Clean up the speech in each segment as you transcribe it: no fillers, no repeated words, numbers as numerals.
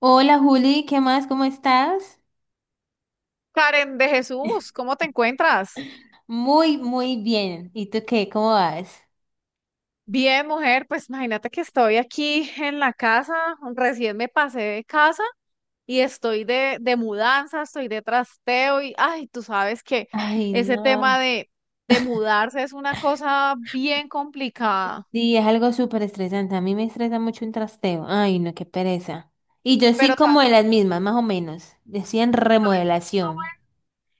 Hola Juli, ¿qué más? ¿Cómo estás? Karen de Jesús, ¿cómo te encuentras? Muy, muy bien. ¿Y tú qué? ¿Cómo vas? Bien, mujer, pues imagínate que estoy aquí en la casa, recién me pasé de casa y estoy de mudanza, estoy de trasteo y, ay, tú sabes que Ay, ese no. De mudarse es una cosa bien complicada, Sí, es algo súper estresante. A mí me estresa mucho un trasteo. Ay, no, qué pereza. Y yo soy pero ¿sabes? como de las mismas, más o menos. Decían remodelación. ¿Bueno?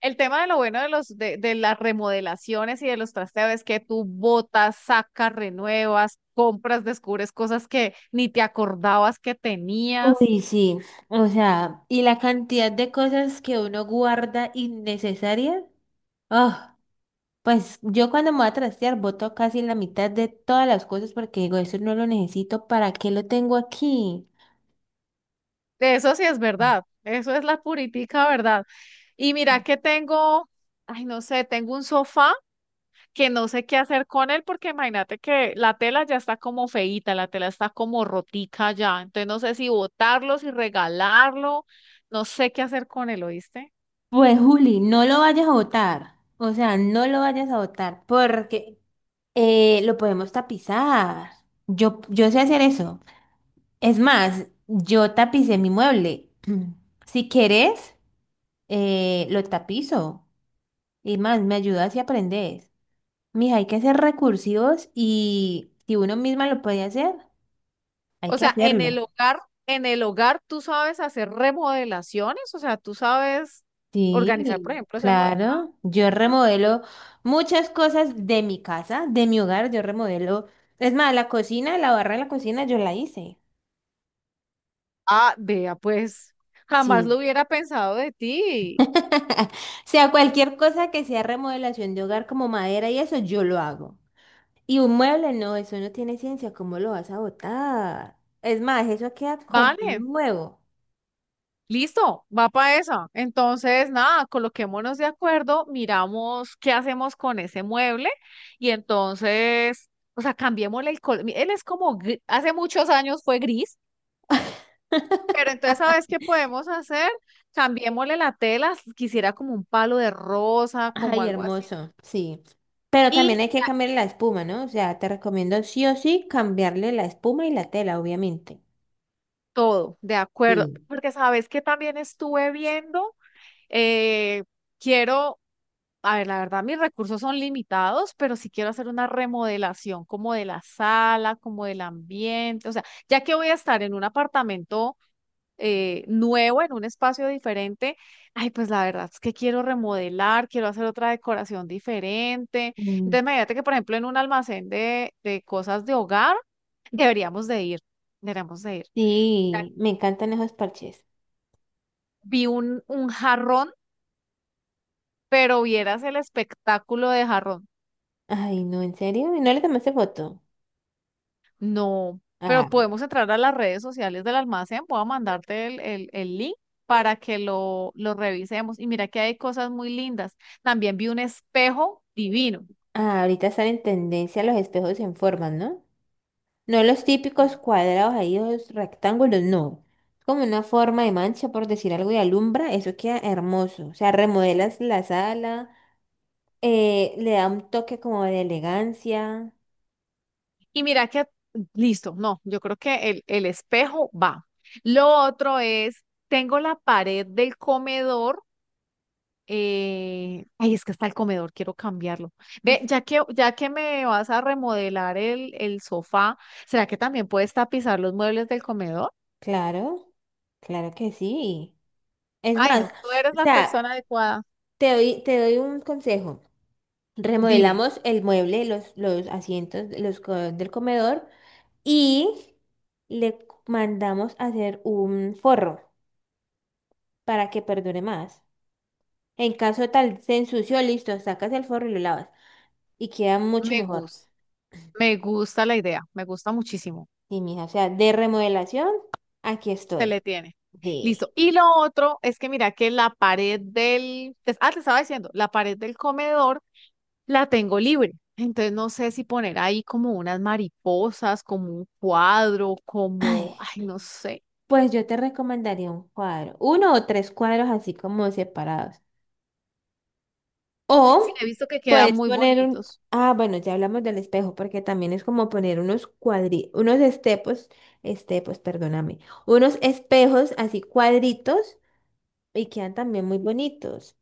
El tema de lo bueno de de las remodelaciones y de los trasteos es que tú botas, sacas, renuevas, compras, descubres cosas que ni te acordabas que tenías. Uy, sí. O sea, y la cantidad de cosas que uno guarda innecesarias. Ah, pues yo cuando me voy a trastear boto casi la mitad de todas las cosas porque digo, eso no lo necesito. ¿Para qué lo tengo aquí? Eso sí es verdad, eso es la puritica verdad. Y mira que tengo, ay, no sé, tengo un sofá que no sé qué hacer con él porque imagínate que la tela ya está como feíta, la tela está como rotica ya, entonces no sé si botarlo, si regalarlo, no sé qué hacer con él, ¿oíste? Pues Juli, no lo vayas a botar, o sea, no lo vayas a botar porque lo podemos tapizar. Yo sé hacer eso. Es más, yo tapicé mi mueble. Si quieres, lo tapizo. Y más, me ayudas y aprendes. Mija, hay que ser recursivos y si uno misma lo puede hacer, hay O que sea, hacerlo. En el hogar tú sabes hacer remodelaciones, o sea, tú sabes organizar, por Sí, ejemplo, ese mueble. claro. Yo remodelo muchas cosas de mi casa, de mi hogar, yo remodelo. Es más, la cocina, la barra de la cocina, yo la hice. Ah, vea, pues jamás Sí. lo hubiera pensado de ti. O sea, cualquier cosa que sea remodelación de hogar como madera y eso, yo lo hago. Y un mueble, no, eso no tiene ciencia, ¿cómo lo vas a botar? Es más, eso queda como Vale. nuevo. Listo, va para esa. Entonces, nada, coloquémonos de acuerdo, miramos qué hacemos con ese mueble y entonces, o sea, cambiémosle el color. Él es como, hace muchos años fue gris, pero entonces, ¿sabes qué podemos hacer? Cambiémosle la tela, quisiera como un palo de rosa, como Ay, algo así. hermoso, sí. Pero también Y hay que ya, cambiar la espuma, ¿no? O sea, te recomiendo sí o sí cambiarle la espuma y la tela, obviamente. todo, de acuerdo, Sí. porque sabes que también estuve viendo, eh, quiero. A ver, la verdad, mis recursos son limitados, pero si quiero hacer una remodelación como de la sala, como del ambiente, o sea, ya que voy a estar en un apartamento nuevo, en un espacio diferente, ay, pues la verdad es que quiero remodelar, quiero hacer otra decoración diferente. Mm. Entonces, imagínate que, por ejemplo, en un almacén de cosas de hogar, deberíamos de ir, deberíamos de ir. Sí, me encantan esos parches. Vi un jarrón, pero vieras el espectáculo de jarrón. Ay, no, ¿en serio? ¿Y no le tomaste foto? No, Ah, pero podemos entrar a las redes sociales del almacén. Voy a mandarte el link para que lo revisemos. Y mira que hay cosas muy lindas. También vi un espejo divino. ah, ahorita están en tendencia los espejos en forma, ¿no? No los típicos cuadrados ahí, los rectángulos, no. Es como una forma de mancha, por decir algo, y alumbra, eso queda hermoso. O sea, remodelas la sala, le da un toque como de elegancia. Y mira que, listo, no, yo creo que el espejo va. Lo otro es, tengo la pared del comedor. Ay, es que está el comedor, quiero cambiarlo. Ve, Mm. Ya que me vas a remodelar el sofá, ¿será que también puedes tapizar los muebles del comedor? Claro, claro que sí. Es Ay, más, no, tú eres o la sea, persona adecuada. te doy un consejo. Dime, Remodelamos el mueble, los asientos, los del comedor y le mandamos a hacer un forro para que perdure más. En caso tal se ensució, listo, sacas el forro y lo lavas y queda mucho me mejor. gusta, me gusta la idea, me gusta muchísimo. Sí, mija, o sea, de remodelación, aquí Se estoy. le tiene. Sí. Listo. Y lo otro es que mira que la pared te estaba diciendo, la pared del comedor la tengo libre. Entonces no sé si poner ahí como unas mariposas, como un cuadro, como, Ay, ay, no sé. pues yo te recomendaría un cuadro, uno o tres cuadros así como separados. Sí, he O visto que quedan puedes muy poner un... bonitos. Ah, bueno, ya hablamos del espejo, porque también es como poner unos unos estepos, estepos, perdóname, unos espejos así cuadritos y quedan también muy bonitos.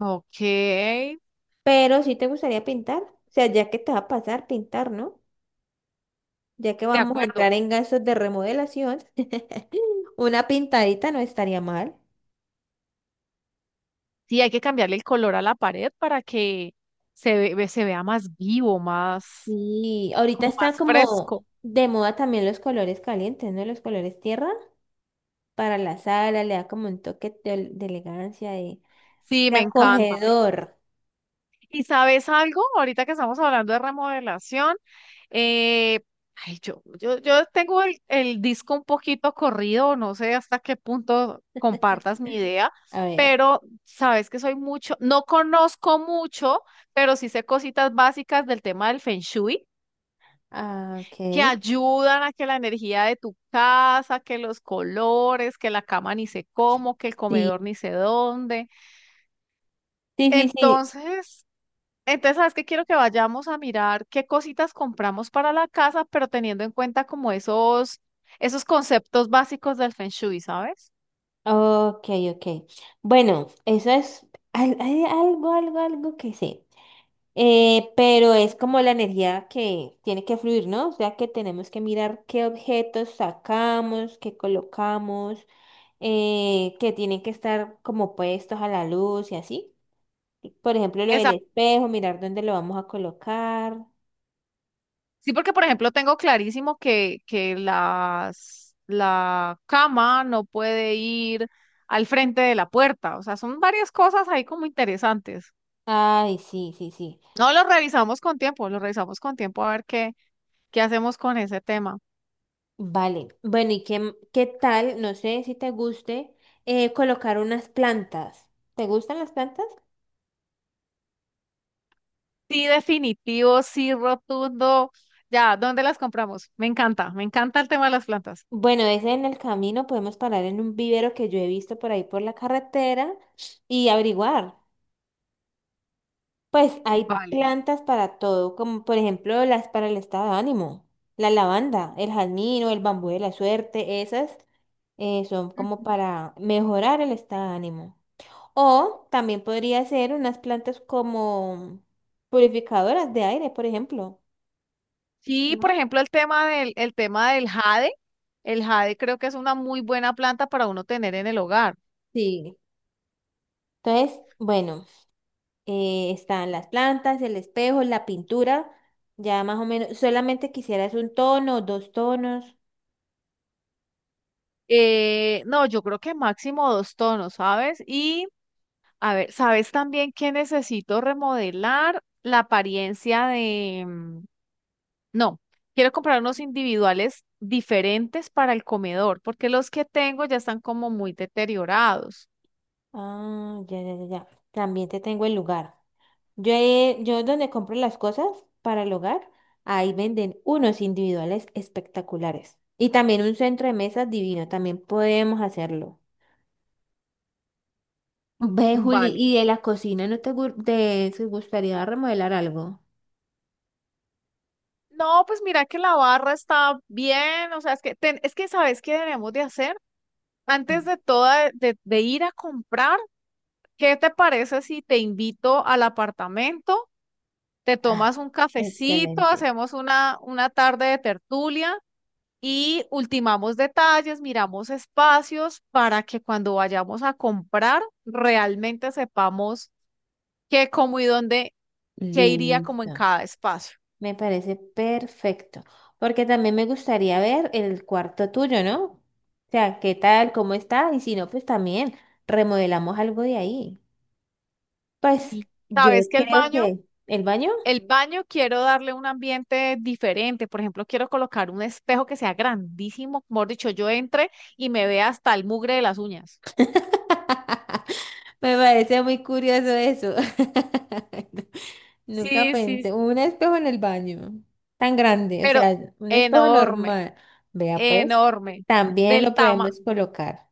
Ok, de Pero si te gustaría pintar, o sea, ya que te va a pasar pintar, ¿no? Ya que vamos a entrar acuerdo. en gastos de remodelación, una pintadita no estaría mal. Sí, hay que cambiarle el color a la pared para que se vea más vivo, más, Y ahorita como más está como fresco. de moda también los colores calientes, ¿no? Los colores tierra. Para la sala, le da como un toque de elegancia, Sí, de me encanta. Acogedor. ¿Y sabes algo? Ahorita que estamos hablando de remodelación, eh, ay, yo tengo el disco un poquito corrido, no sé hasta qué punto compartas mi idea, A ver, pero sabes que soy mucho, no conozco mucho, pero sí sé cositas básicas del tema del Feng Shui. ah, Que ok. ayudan a que la energía de tu casa, que los colores, que la cama ni sé cómo, que el comedor Sí, ni sé dónde. sí, sí, sí. Entonces, entonces, ¿sabes qué? Quiero que vayamos a mirar qué cositas compramos para la casa, pero teniendo en cuenta como esos conceptos básicos del Feng Shui, ¿sabes? Ok, ok. Bueno, eso es hay algo que sé. Pero es como la energía que tiene que fluir, ¿no? O sea que tenemos que mirar qué objetos sacamos, qué colocamos, que tienen que estar como puestos a la luz y así. Por ejemplo, lo del Exacto. espejo, mirar dónde lo vamos a colocar. Sí, porque por ejemplo tengo clarísimo que, la cama no puede ir al frente de la puerta. O sea, son varias cosas ahí como interesantes. Ay, sí, sí, sí. No lo revisamos con tiempo, lo revisamos con tiempo a ver qué, qué hacemos con ese tema. Vale. Bueno, ¿y qué, qué tal? No sé si te guste colocar unas plantas. ¿Te gustan las plantas? Sí, definitivo, sí, rotundo. Ya, ¿dónde las compramos? Me encanta el tema de las plantas. Bueno, ese en el camino podemos parar en un vivero que yo he visto por ahí por la carretera y averiguar. Pues hay Vale. plantas para todo, como por ejemplo las para el estado de ánimo, la lavanda, el jazmín o el bambú de la suerte, esas son como Ujú. para mejorar el estado de ánimo. O también podría ser unas plantas como purificadoras de aire, por ejemplo, Sí, por ¿no? ejemplo, el tema del jade. El jade creo que es una muy buena planta para uno tener en el hogar. Sí. Entonces, bueno, están las plantas, el espejo, la pintura, ya más o menos, solamente quisieras un tono, dos tonos. No, yo creo que máximo dos tonos, ¿sabes? Y a ver, ¿sabes también que necesito remodelar la apariencia de... mm, no, quiero comprar unos individuales diferentes para el comedor, porque los que tengo ya están como muy deteriorados. Ah, ya, ya, ya, ya. También te tengo el lugar. Yo donde compro las cosas para el hogar, ahí venden unos individuales espectaculares. Y también un centro de mesas divino, también podemos hacerlo. Ve, Juli, Vale. ¿y de la cocina no te, te te gustaría remodelar algo? No, pues mira que la barra está bien, o sea, es que, es que ¿sabes qué debemos de hacer? Antes Mm. de toda, de ir a comprar, ¿qué te parece si te invito al apartamento, te Ah, tomas un cafecito, excelente. hacemos una tarde de tertulia y ultimamos detalles, miramos espacios para que cuando vayamos a comprar realmente sepamos qué, cómo y dónde, qué iría como en Listo. cada espacio. Me parece perfecto. Porque también me gustaría ver el cuarto tuyo, ¿no? O sea, ¿qué tal? ¿Cómo está? Y si no, pues también remodelamos algo de ahí. Pues Y yo sabes que creo que el baño. el baño quiero darle un ambiente diferente. Por ejemplo, quiero colocar un espejo que sea grandísimo, mejor dicho, yo entre y me vea hasta el mugre de las uñas. Me parece muy curioso eso. Nunca Sí, sí, sí, pensé, un espejo en el baño, tan grande, o pero sea, un espejo enorme. normal. Vea pues, Enorme, también del lo tama, podemos colocar.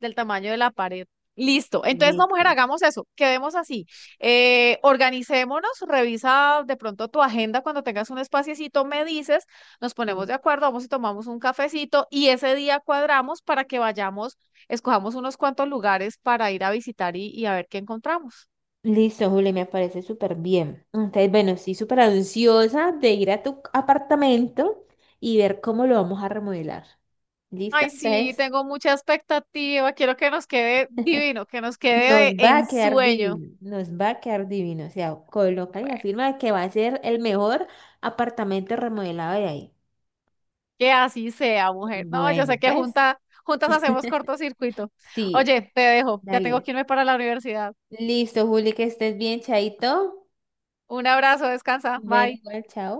del tamaño de la pared. Listo. Entonces, no, mujer, Listo. hagamos eso. Quedemos así. Organicémonos, revisa de pronto tu agenda cuando tengas un espaciecito, me dices, nos ponemos Sí. de acuerdo, vamos y tomamos un cafecito y ese día cuadramos para que vayamos, escojamos unos cuantos lugares para ir a visitar y a ver qué encontramos. Listo, Juli, me parece súper bien. Entonces, bueno, sí, súper ansiosa de ir a tu apartamento y ver cómo lo vamos a remodelar. ¿Listo? Ay, sí, Entonces, tengo mucha expectativa. Quiero que nos quede divino, que nos nos quede de va a quedar ensueño. divino, nos va a quedar divino. O sea, colocan la firma de que va a ser el mejor apartamento remodelado de ahí. Que así sea, mujer. No, yo Bueno, sé que pues junta, juntas hacemos cortocircuito. sí, Oye, te dejo. Ya tengo dale. que irme para la universidad. Listo, Juli, que estés bien, chaito. Un abrazo, descansa. Ven Bye. igual, chao.